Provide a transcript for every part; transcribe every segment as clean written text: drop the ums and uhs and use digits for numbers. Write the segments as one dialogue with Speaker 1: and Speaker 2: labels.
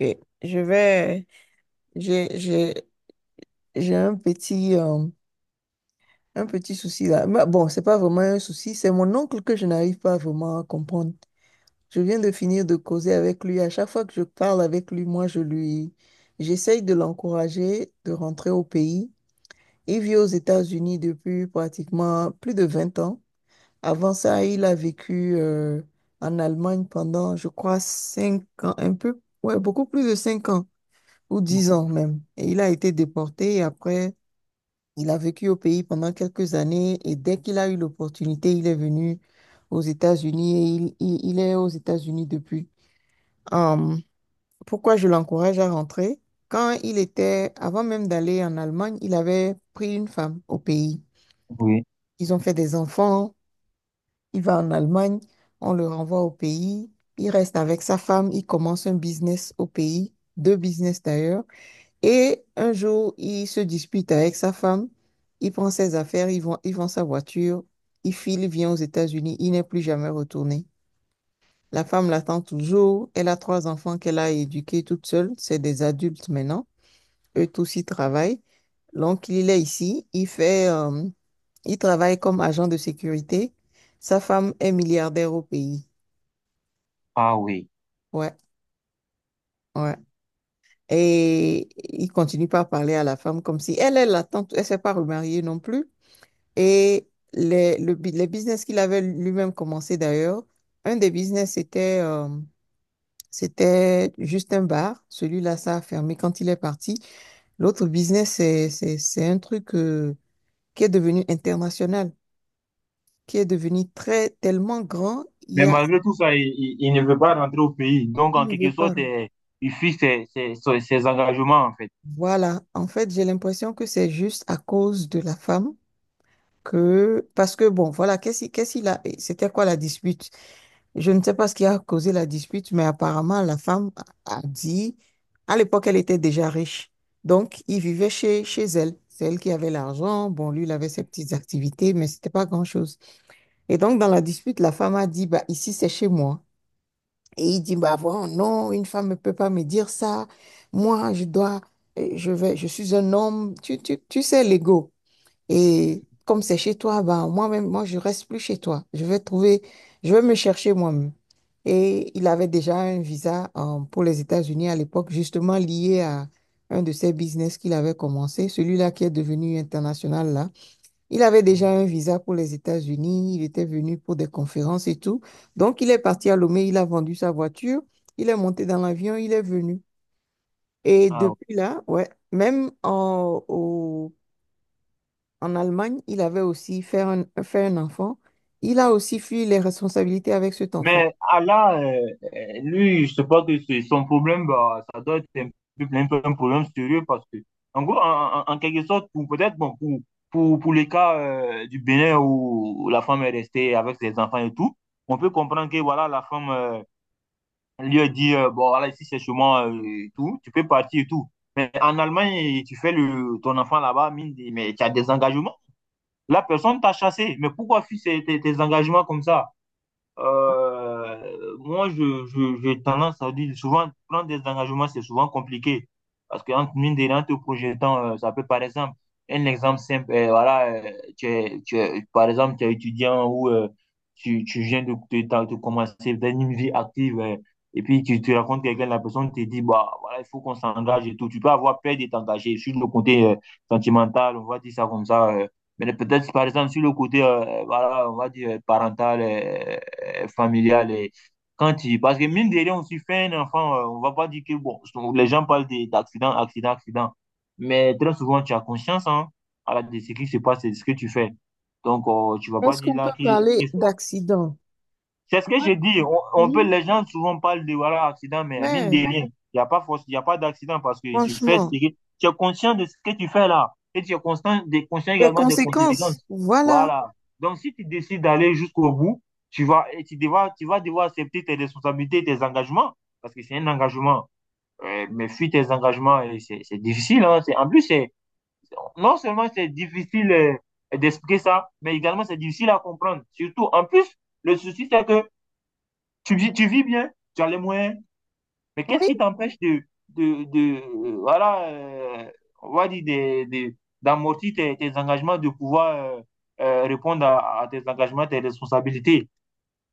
Speaker 1: Ok, Je vais, j'ai, j'ai, j'ai un petit souci là. Mais bon, c'est pas vraiment un souci, c'est mon oncle que je n'arrive pas vraiment à comprendre. Je viens de finir de causer avec lui. À chaque fois que je parle avec lui, moi, j'essaye de l'encourager de rentrer au pays. Il vit aux États-Unis depuis pratiquement plus de 20 ans. Avant ça, il a vécu, en Allemagne pendant, je crois, 5 ans, un peu, ouais, beaucoup plus de 5 ans, ou 10 ans même. Et il a été déporté et après, il a vécu au pays pendant quelques années et dès qu'il a eu l'opportunité, il est venu aux États-Unis et il est aux États-Unis depuis. Hum, Pourquoi je l'encourage à rentrer? Avant même d'aller en Allemagne, il avait pris une femme au pays.
Speaker 2: Oui.
Speaker 1: Ils ont fait des enfants, il va en Allemagne, on le renvoie au pays, il reste avec sa femme, il commence un business au pays, deux business d'ailleurs. Et un jour, il se dispute avec sa femme, il prend ses affaires, il vend sa voiture, il file, il vient aux États-Unis, il n'est plus jamais retourné. La femme l'attend toujours, elle a trois enfants qu'elle a éduqués toute seule, c'est des adultes maintenant, eux tous ils travaillent. Donc il est ici, il travaille comme agent de sécurité. Sa femme est milliardaire au pays.
Speaker 2: Ah oui.
Speaker 1: Ouais, ouais. Et il continue pas à parler à la femme comme si elle l'attend, elle s'est pas remariée non plus. Et les business qu'il avait lui-même commencé d'ailleurs, un des business, c'était juste un bar. Celui-là, ça a fermé quand il est parti. L'autre business, c'est un truc qui est devenu international, qui est devenu tellement grand, il y
Speaker 2: Mais
Speaker 1: a.
Speaker 2: malgré tout ça, il ne veut pas rentrer au pays. Donc,
Speaker 1: Il
Speaker 2: en
Speaker 1: ne veut
Speaker 2: quelque
Speaker 1: pas.
Speaker 2: sorte, il fuit ses engagements, en fait.
Speaker 1: Voilà. En fait, j'ai l'impression que c'est juste à cause de la femme que, parce que bon, voilà, qu'est-ce qu'il a, c'était quoi la dispute? Je ne sais pas ce qui a causé la dispute, mais apparemment, la femme a dit, à l'époque, elle était déjà riche. Donc, il vivait chez elle. C'est elle qui avait l'argent. Bon, lui, il avait ses petites activités, mais c'était pas grand-chose. Et donc, dans la dispute, la femme a dit, bah, ici, c'est chez moi. Et il dit, bah, bon, non, une femme ne peut pas me dire ça. Moi, je dois, je vais, je suis un homme. Tu sais, l'ego. Et comme c'est chez toi, ben, moi-même, moi, je reste plus chez toi. Je vais trouver, je vais me chercher moi-même. Et il avait déjà un visa pour les États-Unis à l'époque, justement lié à un de ses business qu'il avait commencé, celui-là qui est devenu international là. Il avait déjà
Speaker 2: Oui.
Speaker 1: un visa pour les États-Unis, il était venu pour des conférences et tout. Donc, il est parti à Lomé, il a vendu sa voiture, il est monté dans l'avion, il est venu. Et
Speaker 2: Ah ouais.
Speaker 1: depuis là, ouais, même en, au en Allemagne, il avait aussi fait un enfant. Il a aussi fui les responsabilités avec cet enfant.
Speaker 2: Mais Allah, lui, je sais pas que c'est son problème, bah, ça doit être un peu, un peu un problème sérieux parce que, en gros, en quelque sorte, pour peut-être, bon, pour les cas du Bénin où la femme est restée avec ses enfants et tout, on peut comprendre que, voilà, la femme lui a dit, bon, voilà, ici, c'est chez moi et tout, tu peux partir et tout. Mais en Allemagne, tu fais le, ton enfant là-bas, mais tu as des engagements. La personne t'a chassé. Mais pourquoi fuir tes, tes engagements comme ça? Moi, j'ai tendance à dire souvent, prendre des engagements, c'est souvent compliqué. Parce que, entre mine de rien, te projetant, ça peut, par exemple, un exemple simple, voilà, par exemple, tu es étudiant ou tu, tu viens de commencer dans une vie active et puis tu racontes quelqu'un, la personne te dit, bah, voilà, il faut qu'on s'engage et tout. Tu peux avoir peur de t'engager sur le côté sentimental, on va dire ça comme ça. Mais peut-être, par exemple, sur le côté, voilà, on va dire parental. Familiale. Et quand il... Parce que mine de rien, on s'y fait un enfant, on va pas dire que bon, les gens parlent d'accident, accident, accident. Mais très souvent, tu as conscience hein, à la, de ce qui se passe et de ce que tu fais. Donc, tu vas pas
Speaker 1: Est-ce
Speaker 2: dire
Speaker 1: qu'on peut
Speaker 2: là que,
Speaker 1: parler d'accident?
Speaker 2: c'est ce que
Speaker 1: Ouais,
Speaker 2: je dis. On peut,
Speaker 1: oui,
Speaker 2: les gens souvent parlent de voilà, accident, mais mine de
Speaker 1: ouais,
Speaker 2: rien, il n'y a pas force, il a pas d'accident parce que tu fais ce
Speaker 1: franchement.
Speaker 2: que tu es conscient de ce que tu fais là. Et tu es conscient de, conscient
Speaker 1: Les
Speaker 2: également des
Speaker 1: conséquences,
Speaker 2: conséquences.
Speaker 1: voilà.
Speaker 2: Voilà. Donc, si tu décides d'aller jusqu'au bout, tu vas, et tu, devras, tu vas devoir accepter tes responsabilités, tes engagements, parce que c'est un engagement. Mais fuis tes engagements, c'est difficile. Hein. En plus, c'est non seulement c'est difficile d'expliquer ça, mais également c'est difficile à comprendre. Surtout, en plus, le souci, c'est que tu vis bien, tu as les moyens, mais qu'est-ce
Speaker 1: Oui,
Speaker 2: qui t'empêche de, voilà, on va dire, d'amortir tes, tes engagements, de pouvoir répondre à tes engagements, tes responsabilités.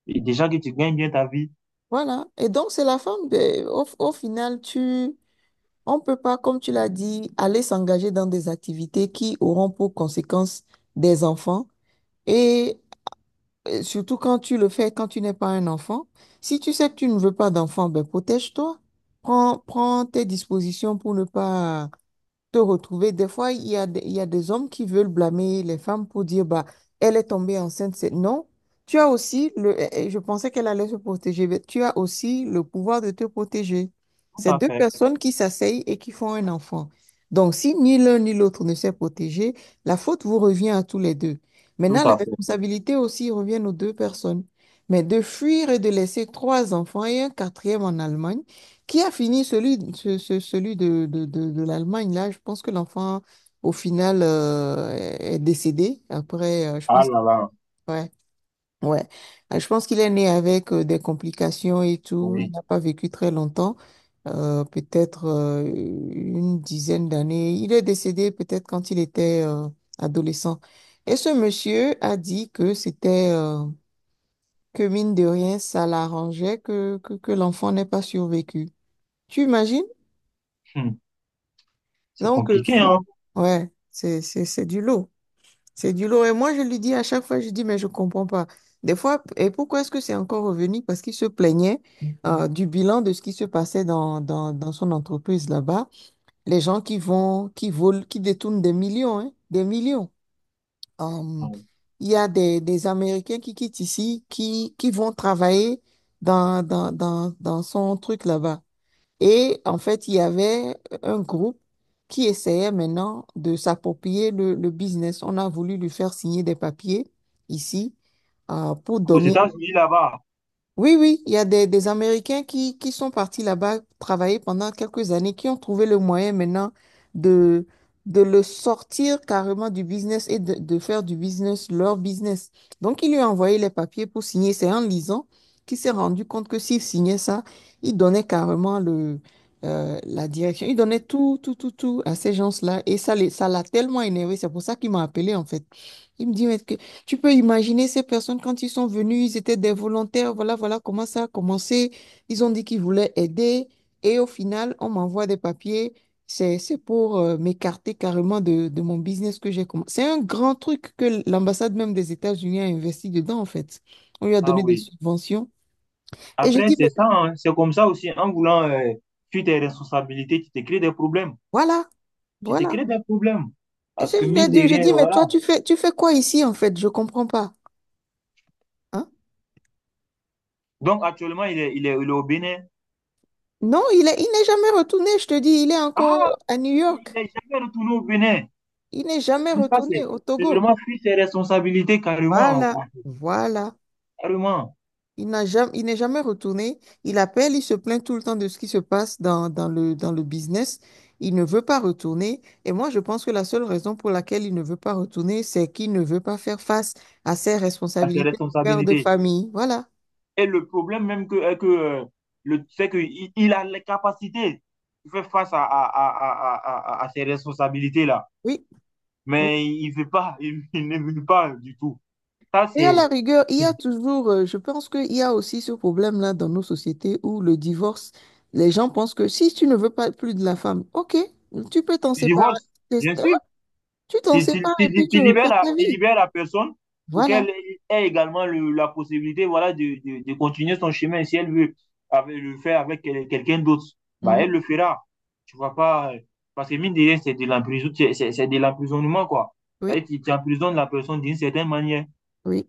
Speaker 2: Et déjà que tu gagnes bien ta vie,
Speaker 1: voilà. Et donc, c'est la femme. Au final, on peut pas, comme tu l'as dit, aller s'engager dans des activités qui auront pour conséquence des enfants. Et Et surtout quand tu le fais, quand tu n'es pas un enfant. Si tu sais que tu ne veux pas d'enfant, ben protège-toi. Prends tes dispositions pour ne pas te retrouver. Des fois, il y a des hommes qui veulent blâmer les femmes pour dire, bah, elle est tombée enceinte. Non, tu as aussi je pensais qu'elle allait se protéger, mais tu as aussi le pouvoir de te protéger.
Speaker 2: tout
Speaker 1: C'est
Speaker 2: à
Speaker 1: deux
Speaker 2: fait,
Speaker 1: personnes qui s'asseyent et qui font un enfant. Donc, si ni l'un ni l'autre ne s'est protégé, la faute vous revient à tous les deux.
Speaker 2: tout
Speaker 1: Maintenant, les
Speaker 2: à fait.
Speaker 1: responsabilités aussi reviennent aux deux personnes. Mais de fuir et de laisser trois enfants et un quatrième en Allemagne, qui a fini celui de l'Allemagne, là? Je pense que l'enfant, au final, est décédé. Après, je
Speaker 2: Ah
Speaker 1: pense,
Speaker 2: là là,
Speaker 1: ouais, ouais. Je pense qu'il est né avec des complications et tout. Il
Speaker 2: oui,
Speaker 1: n'a pas vécu très longtemps, peut-être une dizaine d'années. Il est décédé peut-être quand il était adolescent. Et ce monsieur a dit que mine de rien, ça l'arrangeait que l'enfant n'ait pas survécu. Tu imagines?
Speaker 2: hum, c'est
Speaker 1: Donc,
Speaker 2: compliqué, hein.
Speaker 1: ouais, c'est du lot. C'est du lot. Et moi, je lui dis à chaque fois, je dis, mais je comprends pas. Des fois, et pourquoi est-ce que c'est encore revenu? Parce qu'il se plaignait du bilan de ce qui se passait dans son entreprise là-bas. Les gens qui vont, qui volent, qui détournent des millions, hein, des millions. Hum, il y a des Américains qui quittent ici, qui vont travailler dans son truc là-bas. Et en fait, il y avait un groupe qui essayait maintenant de s'approprier le business. On a voulu lui faire signer des papiers ici pour
Speaker 2: Aux
Speaker 1: donner.
Speaker 2: États-Unis, là-bas,
Speaker 1: Oui, oui, il y a des Américains qui sont partis là-bas travailler pendant quelques années, qui ont trouvé le moyen maintenant de, de le sortir carrément du business et de faire du business leur business. Donc, il lui a envoyé les papiers pour signer. C'est en lisant qu'il s'est rendu compte que s'il signait ça, il donnait carrément la direction. Il donnait tout, tout, tout, tout à ces gens-là. Et ça, ça l'a tellement énervé. C'est pour ça qu'il m'a appelé, en fait. Il me dit, mais tu peux imaginer ces personnes quand ils sont venus, ils étaient des volontaires, voilà, voilà comment ça a commencé. Ils ont dit qu'ils voulaient aider et au final, on m'envoie des papiers. C'est pour m'écarter carrément de mon business que j'ai commencé. C'est un grand truc que l'ambassade même des États-Unis a investi dedans, en fait. On lui a
Speaker 2: ah
Speaker 1: donné des
Speaker 2: oui.
Speaker 1: subventions. Et j'ai
Speaker 2: Après,
Speaker 1: dit, mais
Speaker 2: c'est ça, hein, c'est comme ça aussi, en voulant fuir tes responsabilités, tu te crées des problèmes.
Speaker 1: voilà,
Speaker 2: Tu te
Speaker 1: voilà.
Speaker 2: crées des problèmes.
Speaker 1: Et je
Speaker 2: Parce que
Speaker 1: lui ai
Speaker 2: mine
Speaker 1: dit,
Speaker 2: de
Speaker 1: j'ai
Speaker 2: rien,
Speaker 1: dit, mais
Speaker 2: voilà.
Speaker 1: toi, tu fais quoi ici, en fait? Je comprends pas. Hein?
Speaker 2: Donc actuellement, il est au Bénin.
Speaker 1: Non, il n'est jamais retourné, je te dis, il est
Speaker 2: Ah,
Speaker 1: encore à New
Speaker 2: il
Speaker 1: York.
Speaker 2: n'est jamais retourné au Bénin.
Speaker 1: Il n'est
Speaker 2: Tout
Speaker 1: jamais
Speaker 2: ça,
Speaker 1: retourné au
Speaker 2: c'est
Speaker 1: Togo.
Speaker 2: vraiment fuir ses responsabilités carrément,
Speaker 1: Voilà, voilà.
Speaker 2: carrément
Speaker 1: Il n'est jamais retourné. Il appelle, il se plaint tout le temps de ce qui se passe dans le business. Il ne veut pas retourner. Et moi, je pense que la seule raison pour laquelle il ne veut pas retourner, c'est qu'il ne veut pas faire face à ses
Speaker 2: à ses
Speaker 1: responsabilités de père de
Speaker 2: responsabilités.
Speaker 1: famille. Voilà.
Speaker 2: Et le problème même que le, c'est qu'il il a les capacités de faire face ces responsabilités-là.
Speaker 1: Oui.
Speaker 2: Mais il veut pas, il ne veut pas du tout. Ça,
Speaker 1: Et à la rigueur, il y a
Speaker 2: c'est
Speaker 1: toujours, je pense qu'il y a aussi ce problème-là dans nos sociétés où le divorce, les gens pensent que si tu ne veux pas plus de la femme, ok, tu peux t'en
Speaker 2: du
Speaker 1: séparer.
Speaker 2: divorce, bien
Speaker 1: C'est- ah,
Speaker 2: sûr.
Speaker 1: Tu t'en
Speaker 2: Tu, tu-
Speaker 1: sépares et puis
Speaker 2: tu-
Speaker 1: tu
Speaker 2: tu libères
Speaker 1: refais
Speaker 2: la,
Speaker 1: ta
Speaker 2: tu
Speaker 1: vie.
Speaker 2: libères la personne pour
Speaker 1: Voilà.
Speaker 2: qu'elle ait également la possibilité voilà, de continuer son chemin. Si elle veut le faire avec quelqu'un d'autre, bah, elle
Speaker 1: Mhm.
Speaker 2: le fera. Tu vois pas. Parce que mine de rien, c'est de l'emprisonnement, c'est de l'emprisonnement, quoi.
Speaker 1: Oui,
Speaker 2: C'est-à-dire tu emprisonnes la personne d'une certaine manière.
Speaker 1: oui.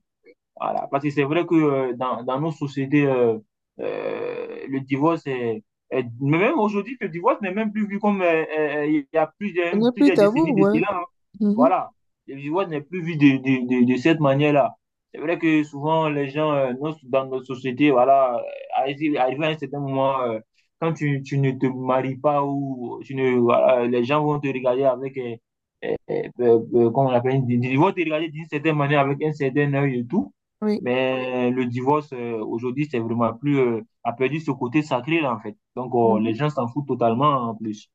Speaker 2: Voilà. Parce que c'est vrai que dans, dans nos sociétés, le divorce est, mais même aujourd'hui, le divorce n'est même plus vu comme... il y a plusieurs,
Speaker 1: Ce n'est plus
Speaker 2: plusieurs
Speaker 1: tabou,
Speaker 2: décennies de
Speaker 1: ouais.
Speaker 2: cela. Hein.
Speaker 1: Mhm.
Speaker 2: Voilà. Le divorce n'est plus vu de cette manière-là. C'est vrai que souvent, les gens dans notre société, voilà, arrivé à un certain moment, quand tu ne te maries pas ou tu ne, voilà, les gens vont te regarder avec... euh, comment on appelle, ils vont te regarder d'une certaine manière avec un certain œil et tout.
Speaker 1: Oui.
Speaker 2: Mais le divorce, aujourd'hui, c'est vraiment plus, a perdu ce côté sacré, là, en fait. Donc, les
Speaker 1: Mhm.
Speaker 2: gens s'en foutent totalement, hein, en plus.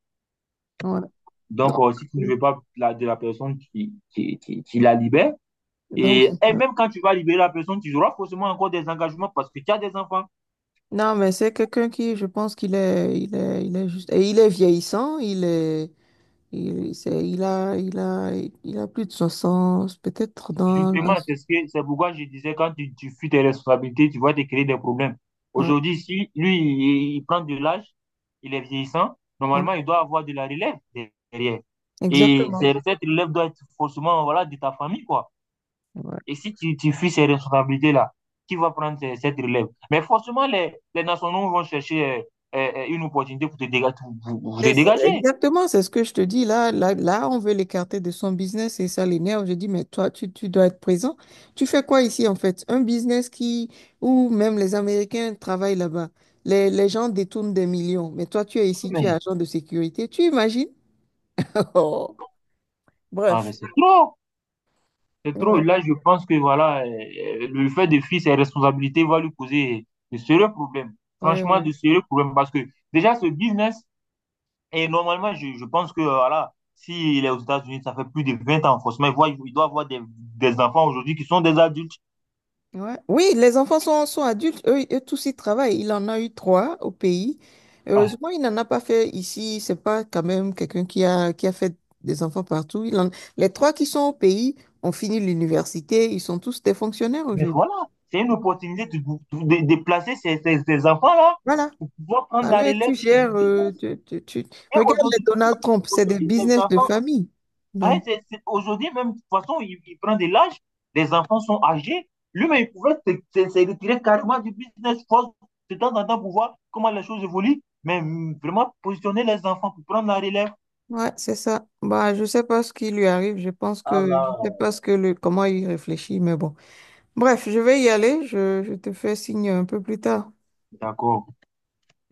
Speaker 1: Voilà.
Speaker 2: Donc,
Speaker 1: Donc,
Speaker 2: si tu ne
Speaker 1: oui.
Speaker 2: veux pas de la personne qui la libère,
Speaker 1: Donc c'est
Speaker 2: et
Speaker 1: ça.
Speaker 2: même quand tu vas libérer la personne, tu auras forcément encore des engagements parce que tu as des enfants.
Speaker 1: Non, mais c'est quelqu'un qui, je pense qu'il est juste, et il est vieillissant, il est, Il, c'est- il a, il a, il a plus de 60 peut-être dans
Speaker 2: Justement,
Speaker 1: la.
Speaker 2: c'est ce que, c'est pourquoi je disais, quand tu fuis tes responsabilités, tu vas te créer des problèmes.
Speaker 1: Ouais,
Speaker 2: Aujourd'hui, si lui, il prend de l'âge, il est vieillissant,
Speaker 1: ouais,
Speaker 2: normalement, il doit avoir de la relève derrière.
Speaker 1: exactement.
Speaker 2: Cette relève doit être forcément, voilà, de ta famille, quoi.
Speaker 1: Ouais.
Speaker 2: Et si tu, tu fuis ces responsabilités-là, qui va prendre cette relève? Mais forcément, les nationaux vont chercher une opportunité pour te dégager, pour, pour te dégager.
Speaker 1: Exactement, c'est ce que je te dis. Là, là, là, on veut l'écarter de son business et ça l'énerve. Je dis, mais toi, tu dois être présent. Tu fais quoi ici, en fait? Un business où même les Américains travaillent là-bas. Les gens détournent des millions. Mais toi, tu es
Speaker 2: Ah,
Speaker 1: ici, tu es
Speaker 2: mais,
Speaker 1: agent de sécurité. Tu imagines? Oh.
Speaker 2: ah, mais
Speaker 1: Bref.
Speaker 2: c'est trop! C'est trop.
Speaker 1: Ouais,
Speaker 2: Là, je pense que voilà, le fait de fuir ses responsabilités va lui causer de sérieux problèmes.
Speaker 1: ouais,
Speaker 2: Franchement, de
Speaker 1: ouais.
Speaker 2: sérieux problèmes. Parce que déjà, ce business, et normalement, je pense que voilà, s'il est aux États-Unis, ça fait plus de 20 ans. Forcément, il voit, il doit avoir des enfants aujourd'hui qui sont des adultes.
Speaker 1: Ouais. Oui, les enfants sont adultes, eux tous ils travaillent. Il en a eu trois au pays.
Speaker 2: Ah,
Speaker 1: Heureusement, il n'en a pas fait ici. C'est pas quand même quelqu'un qui a fait des enfants partout. Les trois qui sont au pays ont fini l'université. Ils sont tous des fonctionnaires
Speaker 2: mais
Speaker 1: aujourd'hui.
Speaker 2: voilà, c'est une opportunité de placer ces, ces, ces enfants-là
Speaker 1: Voilà.
Speaker 2: pour pouvoir prendre la
Speaker 1: Allez,
Speaker 2: relève
Speaker 1: tu
Speaker 2: du
Speaker 1: gères.
Speaker 2: business. Et
Speaker 1: Regarde les
Speaker 2: aujourd'hui,
Speaker 1: Donald Trump, c'est des
Speaker 2: aujourd'hui, ces
Speaker 1: business de
Speaker 2: enfants
Speaker 1: famille.
Speaker 2: ouais,
Speaker 1: Donc,
Speaker 2: aujourd'hui, même, de toute façon, il prend de l'âge, les enfants sont âgés. Lui-même, il pouvait se, se retirer carrément du business force de temps en temps pour voir comment les choses évoluent, mais mm, vraiment positionner les enfants pour prendre la relève.
Speaker 1: ouais, c'est ça. Bah, je sais pas ce qui lui arrive. Je pense
Speaker 2: Ah
Speaker 1: que
Speaker 2: là,
Speaker 1: je sais pas ce que le comment il réfléchit, mais bon. Bref, je vais y aller. Je te fais signe un peu plus tard.
Speaker 2: d'accord.